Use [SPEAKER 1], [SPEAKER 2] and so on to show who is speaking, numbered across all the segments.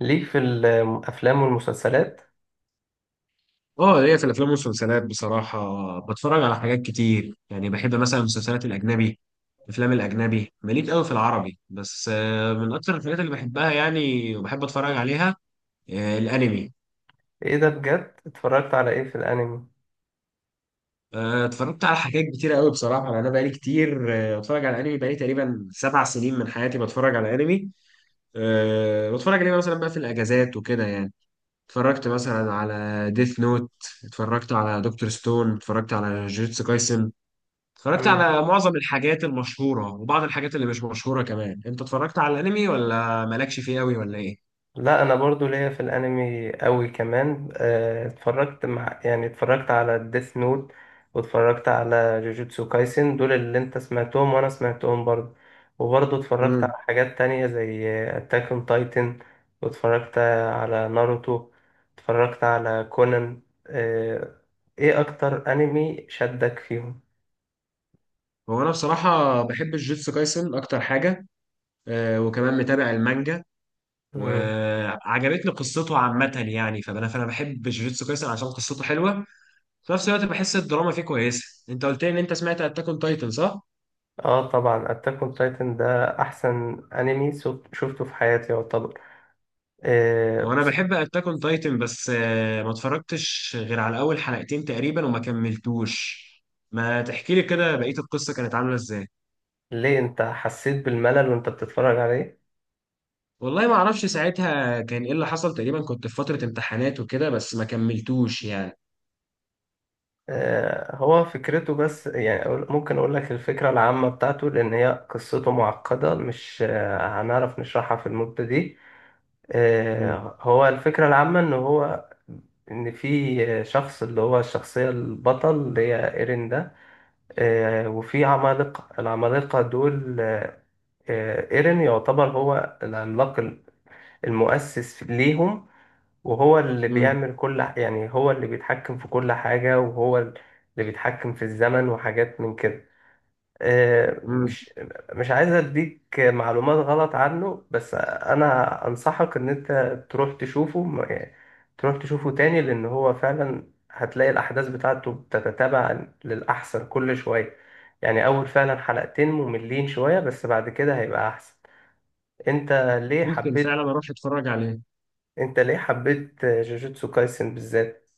[SPEAKER 1] ليك في الافلام والمسلسلات؟
[SPEAKER 2] اه، هي في الافلام والمسلسلات بصراحه. بتفرج على حاجات كتير، يعني بحب مثلا المسلسلات الاجنبي. الافلام الاجنبي ماليش قوي في العربي، بس من اكتر الحاجات اللي بحبها يعني، وبحب اتفرج عليها. الانمي.
[SPEAKER 1] ايه ده؟ بجد اتفرجت على ايه في الانمي؟
[SPEAKER 2] اتفرجت على حاجات كتيره قوي بصراحه، يعني انا بقالي كتير بتفرج على الانمي، بقالي تقريبا 7 سنين من حياتي بتفرج على انمي. بتفرج عليه مثلا بقى في الاجازات وكده يعني. اتفرجت مثلا على ديث نوت، اتفرجت على دكتور ستون، اتفرجت على جوجوتسو كايسن. اتفرجت
[SPEAKER 1] مم.
[SPEAKER 2] على معظم الحاجات المشهورة وبعض الحاجات اللي مش مشهورة كمان. انت اتفرجت على الانمي ولا مالكش فيه قوي، ولا ايه؟
[SPEAKER 1] لا انا برضو ليا في الانمي قوي كمان، اتفرجت مع يعني اتفرجت على ديث نوت، واتفرجت على جوجوتسو كايسن، دول اللي انت سمعتهم وانا سمعتهم برضو. وبرضو اتفرجت
[SPEAKER 2] امم
[SPEAKER 1] على حاجات تانية زي اتاك اون تايتن، واتفرجت على ناروتو، اتفرجت على كونان. ايه اكتر انمي شدك فيهم؟
[SPEAKER 2] هو انا بصراحة بحب الجيتسو كايسن اكتر حاجة. وكمان متابع المانجا.
[SPEAKER 1] مم.
[SPEAKER 2] وعجبتني قصته عامة، يعني فانا بحب جوجيتسو كايسن عشان قصته حلوة. في نفس الوقت بحس الدراما فيه كويسة. انت قلت لي ان انت سمعت اتاك اون تايتن، صح؟
[SPEAKER 1] اه، طبعا اتاك اون تايتن ده احسن انمي شفته في حياتي يعتبر.
[SPEAKER 2] وانا
[SPEAKER 1] بس
[SPEAKER 2] بحب اتاك اون تايتن، بس ما اتفرجتش غير على اول حلقتين تقريبا وما كملتوش. ما تحكي لي كده بقية القصة كانت عاملة ازاي؟
[SPEAKER 1] ليه انت حسيت بالملل وانت بتتفرج عليه؟
[SPEAKER 2] والله ما اعرفش ساعتها كان ايه اللي حصل، تقريبا كنت في فترة امتحانات وكده، بس ما كملتوش يعني.
[SPEAKER 1] هو فكرته، بس يعني ممكن اقول لك الفكرة العامة بتاعته، لان هي قصته معقدة، مش هنعرف نشرحها في المدة دي.
[SPEAKER 2] مم.
[SPEAKER 1] هو الفكرة العامة ان في شخص اللي هو الشخصيه البطل اللي هي ايرين ده، وفي عمالقه، العمالقه دول، ايرين يعتبر هو العملاق المؤسس ليهم. وهو اللي
[SPEAKER 2] مم.
[SPEAKER 1] بيعمل يعني هو اللي بيتحكم في كل حاجة، وهو اللي بيتحكم في الزمن وحاجات من كده. آه،
[SPEAKER 2] مم.
[SPEAKER 1] مش مش عايز اديك معلومات غلط عنه، بس انا انصحك ان انت تروح تشوفه م- تروح تشوفه تاني، لان هو فعلا هتلاقي الاحداث بتاعته بتتتابع للاحسن كل شوية. يعني اول فعلا حلقتين مملين شوية، بس بعد كده هيبقى احسن. انت ليه
[SPEAKER 2] ممكن فعلا
[SPEAKER 1] حبيت
[SPEAKER 2] اروح اتفرج عليه.
[SPEAKER 1] انت ليه حبيت جوجوتسو كايسن بالذات؟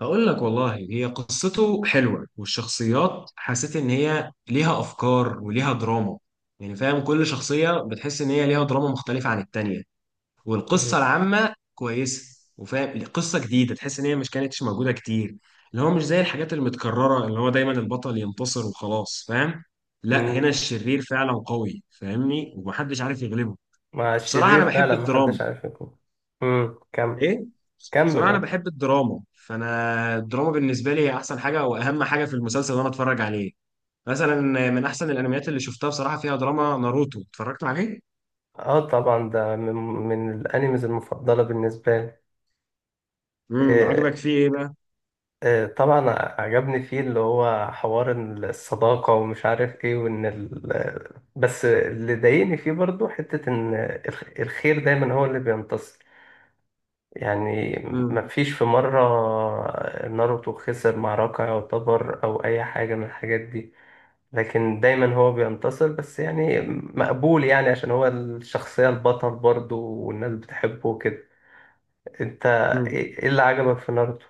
[SPEAKER 2] هقول لك والله، هي قصته حلوة والشخصيات حسيت ان هي ليها افكار وليها دراما. يعني فاهم كل شخصية بتحس ان هي ليها دراما مختلفة عن التانية.
[SPEAKER 1] مم.
[SPEAKER 2] والقصه العامه كويسه، وفاهم قصه جديده تحس ان هي مش كانتش موجوده كتير. اللي هو مش زي الحاجات المتكرره، اللي هو دايما البطل ينتصر وخلاص فاهم. لا، هنا
[SPEAKER 1] مم.
[SPEAKER 2] الشرير فعلا قوي فاهمني، ومحدش عارف يغلبه.
[SPEAKER 1] مع
[SPEAKER 2] بصراحه انا
[SPEAKER 1] الشرير
[SPEAKER 2] بحب
[SPEAKER 1] فعلا ما
[SPEAKER 2] الدراما.
[SPEAKER 1] حدش عارف يكون. مم. كمل.
[SPEAKER 2] ايه. بصراحه
[SPEAKER 1] كمل
[SPEAKER 2] انا
[SPEAKER 1] اه.
[SPEAKER 2] بحب الدراما، فانا الدراما بالنسبه لي هي احسن حاجه واهم حاجه في المسلسل اللي انا اتفرج عليه. مثلا من احسن الانميات اللي شفتها بصراحه فيها دراما ناروتو، اتفرجت عليه.
[SPEAKER 1] آه، طبعا ده من الانيمز المفضله بالنسبه لي.
[SPEAKER 2] عجبك
[SPEAKER 1] إيه،
[SPEAKER 2] فيه ايه بقى؟
[SPEAKER 1] إيه طبعا. عجبني فيه اللي هو حوار إن الصداقه ومش عارف ايه. بس اللي ضايقني فيه برضو حته ان الخير دايما هو اللي بينتصر. يعني مفيش في مرة ناروتو خسر معركة يعتبر، أو أي حاجة من الحاجات دي، لكن دايما هو بينتصر، بس يعني مقبول يعني عشان هو الشخصية البطل برضه والناس بتحبه وكده. انت،
[SPEAKER 2] امم
[SPEAKER 1] إيه اللي عجبك في ناروتو؟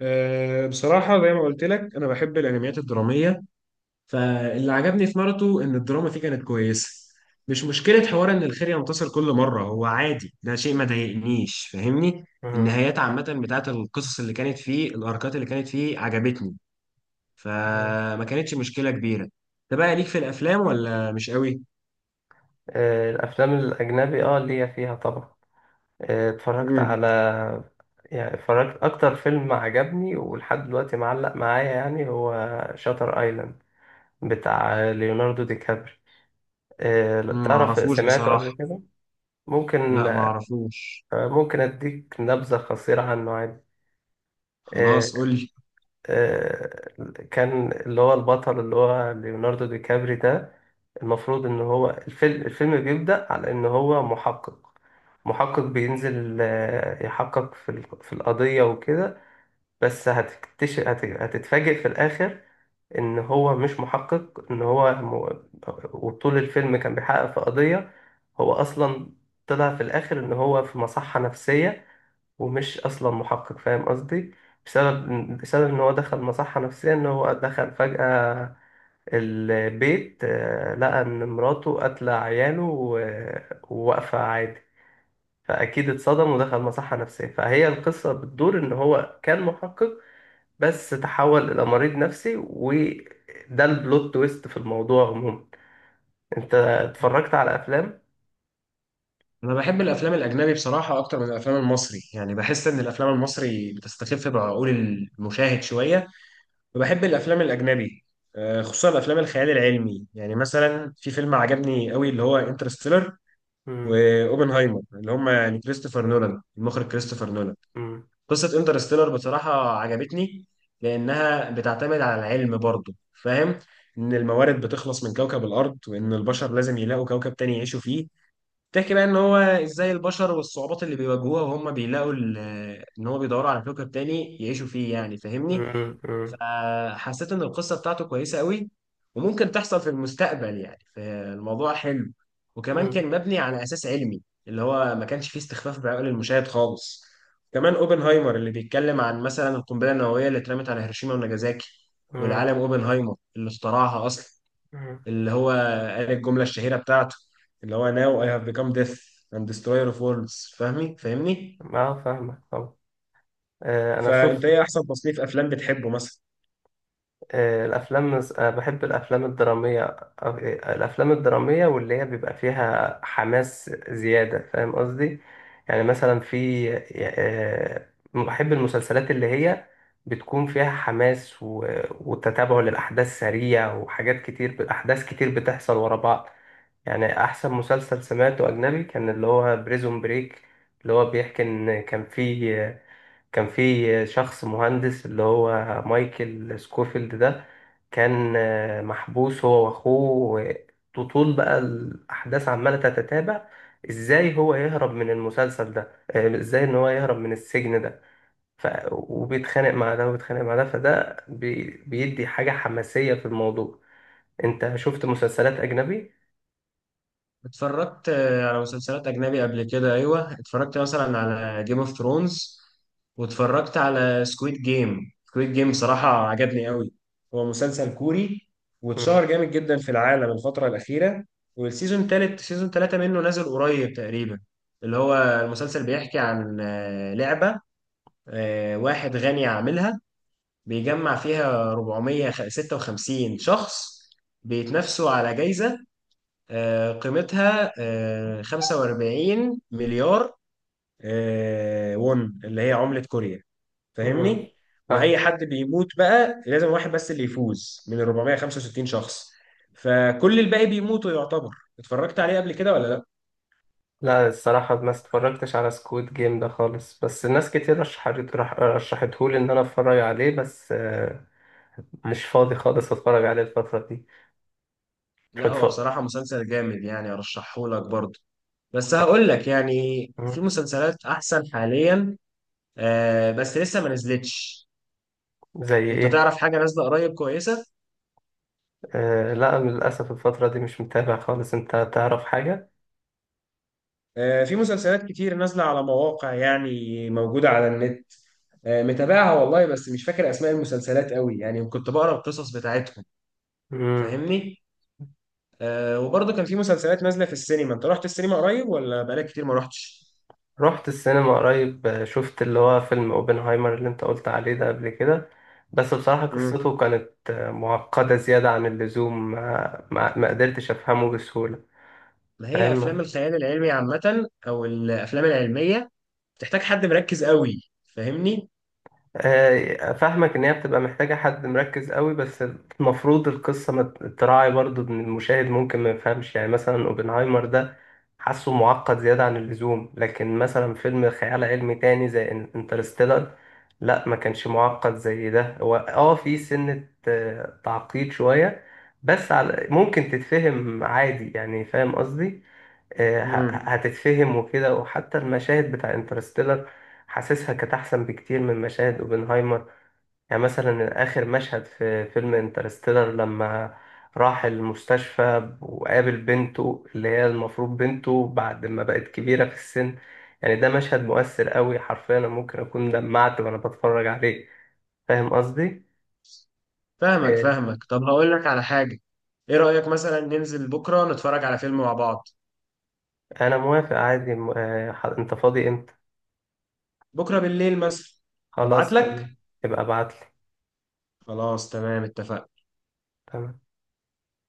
[SPEAKER 2] أه بصراحة زي ما قلت لك، أنا بحب الأنميات الدرامية. فاللي عجبني في ناروتو إن الدراما فيه كانت كويسة. مش مشكلة حوار إن الخير ينتصر كل مرة، هو عادي، ده شيء ما ضايقنيش فاهمني.
[SPEAKER 1] مم.
[SPEAKER 2] النهايات عامة بتاعت القصص اللي كانت فيه، الأركات اللي كانت فيه عجبتني.
[SPEAKER 1] مم.
[SPEAKER 2] فما كانتش مشكلة كبيرة. ده بقى ليك في الأفلام ولا مش قوي؟
[SPEAKER 1] آه، الأفلام الأجنبي اه ليا فيها طبعا. اتفرجت
[SPEAKER 2] مم.
[SPEAKER 1] على يعني اتفرجت، أكتر فيلم عجبني ولحد دلوقتي معلق معايا يعني هو شاتر ايلاند، بتاع ليوناردو دي كابري. لو
[SPEAKER 2] مم،
[SPEAKER 1] تعرف
[SPEAKER 2] معرفوش
[SPEAKER 1] سمعته قبل
[SPEAKER 2] بصراحة.
[SPEAKER 1] كده؟ ممكن
[SPEAKER 2] لا، معرفوش.
[SPEAKER 1] ممكن اديك نبذة قصيرة عنه عادي. آه،
[SPEAKER 2] خلاص قول لي.
[SPEAKER 1] آه، كان اللي هو البطل اللي هو ليوناردو دي كابري ده، المفروض ان هو الفيلم بيبدأ على ان هو محقق، محقق بينزل يحقق في القضية وكده، بس هتكتشف هتتفاجئ في الآخر إن هو مش محقق، وطول الفيلم كان بيحقق في قضية. هو أصلا طلع في الآخر إن هو في مصحة نفسية، ومش أصلا محقق، فاهم قصدي؟ بسبب إن هو دخل مصحة نفسية، إن هو دخل فجأة البيت، لقى إن مراته قاتلة عياله وواقفة عادي، فأكيد اتصدم ودخل مصحة نفسية. فهي القصة بتدور إن هو كان محقق، بس تحول إلى مريض نفسي، وده البلوت تويست في الموضوع عموما. أنت اتفرجت على أفلام؟
[SPEAKER 2] انا بحب الافلام الاجنبي بصراحه اكتر من الافلام المصري، يعني بحس ان الافلام المصري بتستخف بعقول المشاهد شويه. وبحب الافلام الاجنبي خصوصا الافلام الخيال العلمي. يعني مثلا في فيلم عجبني قوي اللي هو انترستيلر.
[SPEAKER 1] مم.
[SPEAKER 2] واوبنهايمر، اللي هم يعني كريستوفر نولان، المخرج كريستوفر نولان.
[SPEAKER 1] مم.
[SPEAKER 2] قصه انترستيلر بصراحه عجبتني، لانها بتعتمد على العلم برضه فاهم. ان الموارد بتخلص من كوكب الارض، وان البشر لازم يلاقوا كوكب تاني يعيشوا فيه. تحكي بقى ان هو ازاي البشر والصعوبات اللي بيواجهوها وهم بيلاقوا ان هو بيدوروا على كوكب تاني يعيشوا فيه، يعني فاهمني.
[SPEAKER 1] مم. مم.
[SPEAKER 2] فحسيت ان القصة بتاعته كويسة قوي. وممكن تحصل في المستقبل يعني، فالموضوع حلو. وكمان
[SPEAKER 1] مم.
[SPEAKER 2] كان مبني على اساس علمي. اللي هو ما كانش فيه استخفاف بعقول المشاهد خالص. كمان اوبنهايمر اللي بيتكلم عن مثلا القنبلة النووية اللي اترمت على هيروشيما وناجازاكي.
[SPEAKER 1] مم.
[SPEAKER 2] والعالم اوبنهايمر اللي اخترعها اصلا.
[SPEAKER 1] مم.
[SPEAKER 2] اللي هو قال الجملة الشهيرة بتاعته، اللي هو now I have become death and destroyer of worlds. فاهمني؟
[SPEAKER 1] ما فاهمك طبعا. أنا
[SPEAKER 2] فانت
[SPEAKER 1] شفت،
[SPEAKER 2] ايه احسن تصنيف افلام بتحبه مثلا؟
[SPEAKER 1] الأفلام، بحب الأفلام الدرامية. آه، الأفلام الدرامية واللي هي بيبقى فيها حماس زيادة، فاهم قصدي؟ يعني مثلا في، آه، بحب المسلسلات اللي هي بتكون فيها حماس وتتابع للأحداث سريع، وحاجات كتير، أحداث كتير بتحصل ورا بعض. يعني أحسن مسلسل سمعته أجنبي كان اللي هو بريزون بريك. اللي هو بيحكي إن كان في شخص مهندس اللي هو مايكل سكوفيلد ده، كان محبوس هو واخوه. طول بقى الاحداث عماله تتتابع ازاي هو يهرب من المسلسل ده، ازاي ان هو يهرب من السجن ده، وبيتخانق مع ده وبيتخانق مع ده، فده بيدي حاجه حماسيه في الموضوع. انت شفت مسلسلات اجنبي؟
[SPEAKER 2] اتفرجت على مسلسلات اجنبي قبل كده، ايوه. اتفرجت مثلا على جيم اوف ثرونز، واتفرجت على سكويد جيم. سكويد جيم صراحة عجبني قوي. هو مسلسل كوري،
[SPEAKER 1] مم.
[SPEAKER 2] واتشهر جامد جدا في العالم الفترة الأخيرة. والسيزون تالت، سيزون تلاتة منه نازل قريب تقريبا. اللي هو المسلسل بيحكي عن لعبة. واحد غني عاملها، بيجمع فيها 456 شخص بيتنافسوا على جايزة قيمتها 45 مليار وون، اللي هي عملة كوريا، فاهمني؟ وأي
[SPEAKER 1] مم.
[SPEAKER 2] حد بيموت، بقى لازم واحد بس اللي يفوز من ال 465 شخص. فكل الباقي بيموتوا يعتبر. اتفرجت عليه قبل كده ولا؟
[SPEAKER 1] لا الصراحة ما اتفرجتش على سكويد جيم ده خالص، بس ناس كتير رشحتهولي إن أنا أتفرج عليه، بس مش فاضي خالص أتفرج عليه الفترة دي.
[SPEAKER 2] لا. هو
[SPEAKER 1] اتف-
[SPEAKER 2] بصراحة مسلسل جامد يعني، أرشحه لك برضه. بس هقول لك يعني،
[SPEAKER 1] مم.
[SPEAKER 2] في مسلسلات أحسن حاليا بس لسه ما نزلتش.
[SPEAKER 1] زي
[SPEAKER 2] أنت
[SPEAKER 1] إيه؟
[SPEAKER 2] تعرف حاجة نازلة قريب كويسة؟
[SPEAKER 1] لا للأسف الفترة دي مش متابع خالص، أنت تعرف حاجة؟
[SPEAKER 2] في مسلسلات كتير نازلة على مواقع، يعني موجودة على النت. متابعها والله، بس مش فاكر أسماء المسلسلات قوي يعني، كنت بقرأ القصص بتاعتهم
[SPEAKER 1] مم.
[SPEAKER 2] فاهمني؟ وبرضه كان في مسلسلات نازلة في السينما. أنت رحت السينما قريب ولا بقالك كتير ما رحتش؟
[SPEAKER 1] رحت السينما قريب، شفت اللي هو فيلم أوبنهايمر اللي أنت قلت عليه ده قبل كده، بس بصراحة قصته كانت معقدة زيادة عن اللزوم، ما قدرتش أفهمه بسهولة.
[SPEAKER 2] ما هي افلام
[SPEAKER 1] فاهم.
[SPEAKER 2] الخيال العلمي عامه او الافلام العلميه بتحتاج حد مركز قوي فاهمني.
[SPEAKER 1] فاهمك ان هي بتبقى محتاجة حد مركز قوي، بس المفروض القصة ما تراعي برضو ان المشاهد ممكن ما يفهمش. يعني مثلا اوبنهايمر ده حاسه معقد زيادة عن اللزوم، لكن مثلا فيلم خيال علمي تاني زي انترستيلر، لا ما كانش معقد زي ده. هو في سنة تعقيد شوية، بس على ممكن تتفهم عادي، يعني فاهم قصدي؟
[SPEAKER 2] امم
[SPEAKER 1] هتتفهم وكده، وحتى المشاهد بتاع انترستيلر حاسسها كانت احسن بكتير من مشاهد اوبنهايمر. يعني مثلا اخر مشهد في فيلم انترستيلر لما راح المستشفى وقابل بنته اللي هي المفروض بنته بعد ما بقت كبيرة في السن، يعني ده مشهد مؤثر قوي، حرفيا انا ممكن اكون دمعت وانا بتفرج عليه، فاهم قصدي؟
[SPEAKER 2] فاهمك
[SPEAKER 1] آه،
[SPEAKER 2] فاهمك، طب هقول لك على حاجه. ايه رايك مثلا ننزل بكره نتفرج على فيلم مع بعض؟
[SPEAKER 1] انا موافق عادي، انت فاضي امتى؟
[SPEAKER 2] بكره بالليل مثلا. ابعت
[SPEAKER 1] خلاص
[SPEAKER 2] لك.
[SPEAKER 1] تمام. يبقى ابعتلي.
[SPEAKER 2] خلاص تمام، اتفقنا.
[SPEAKER 1] تمام.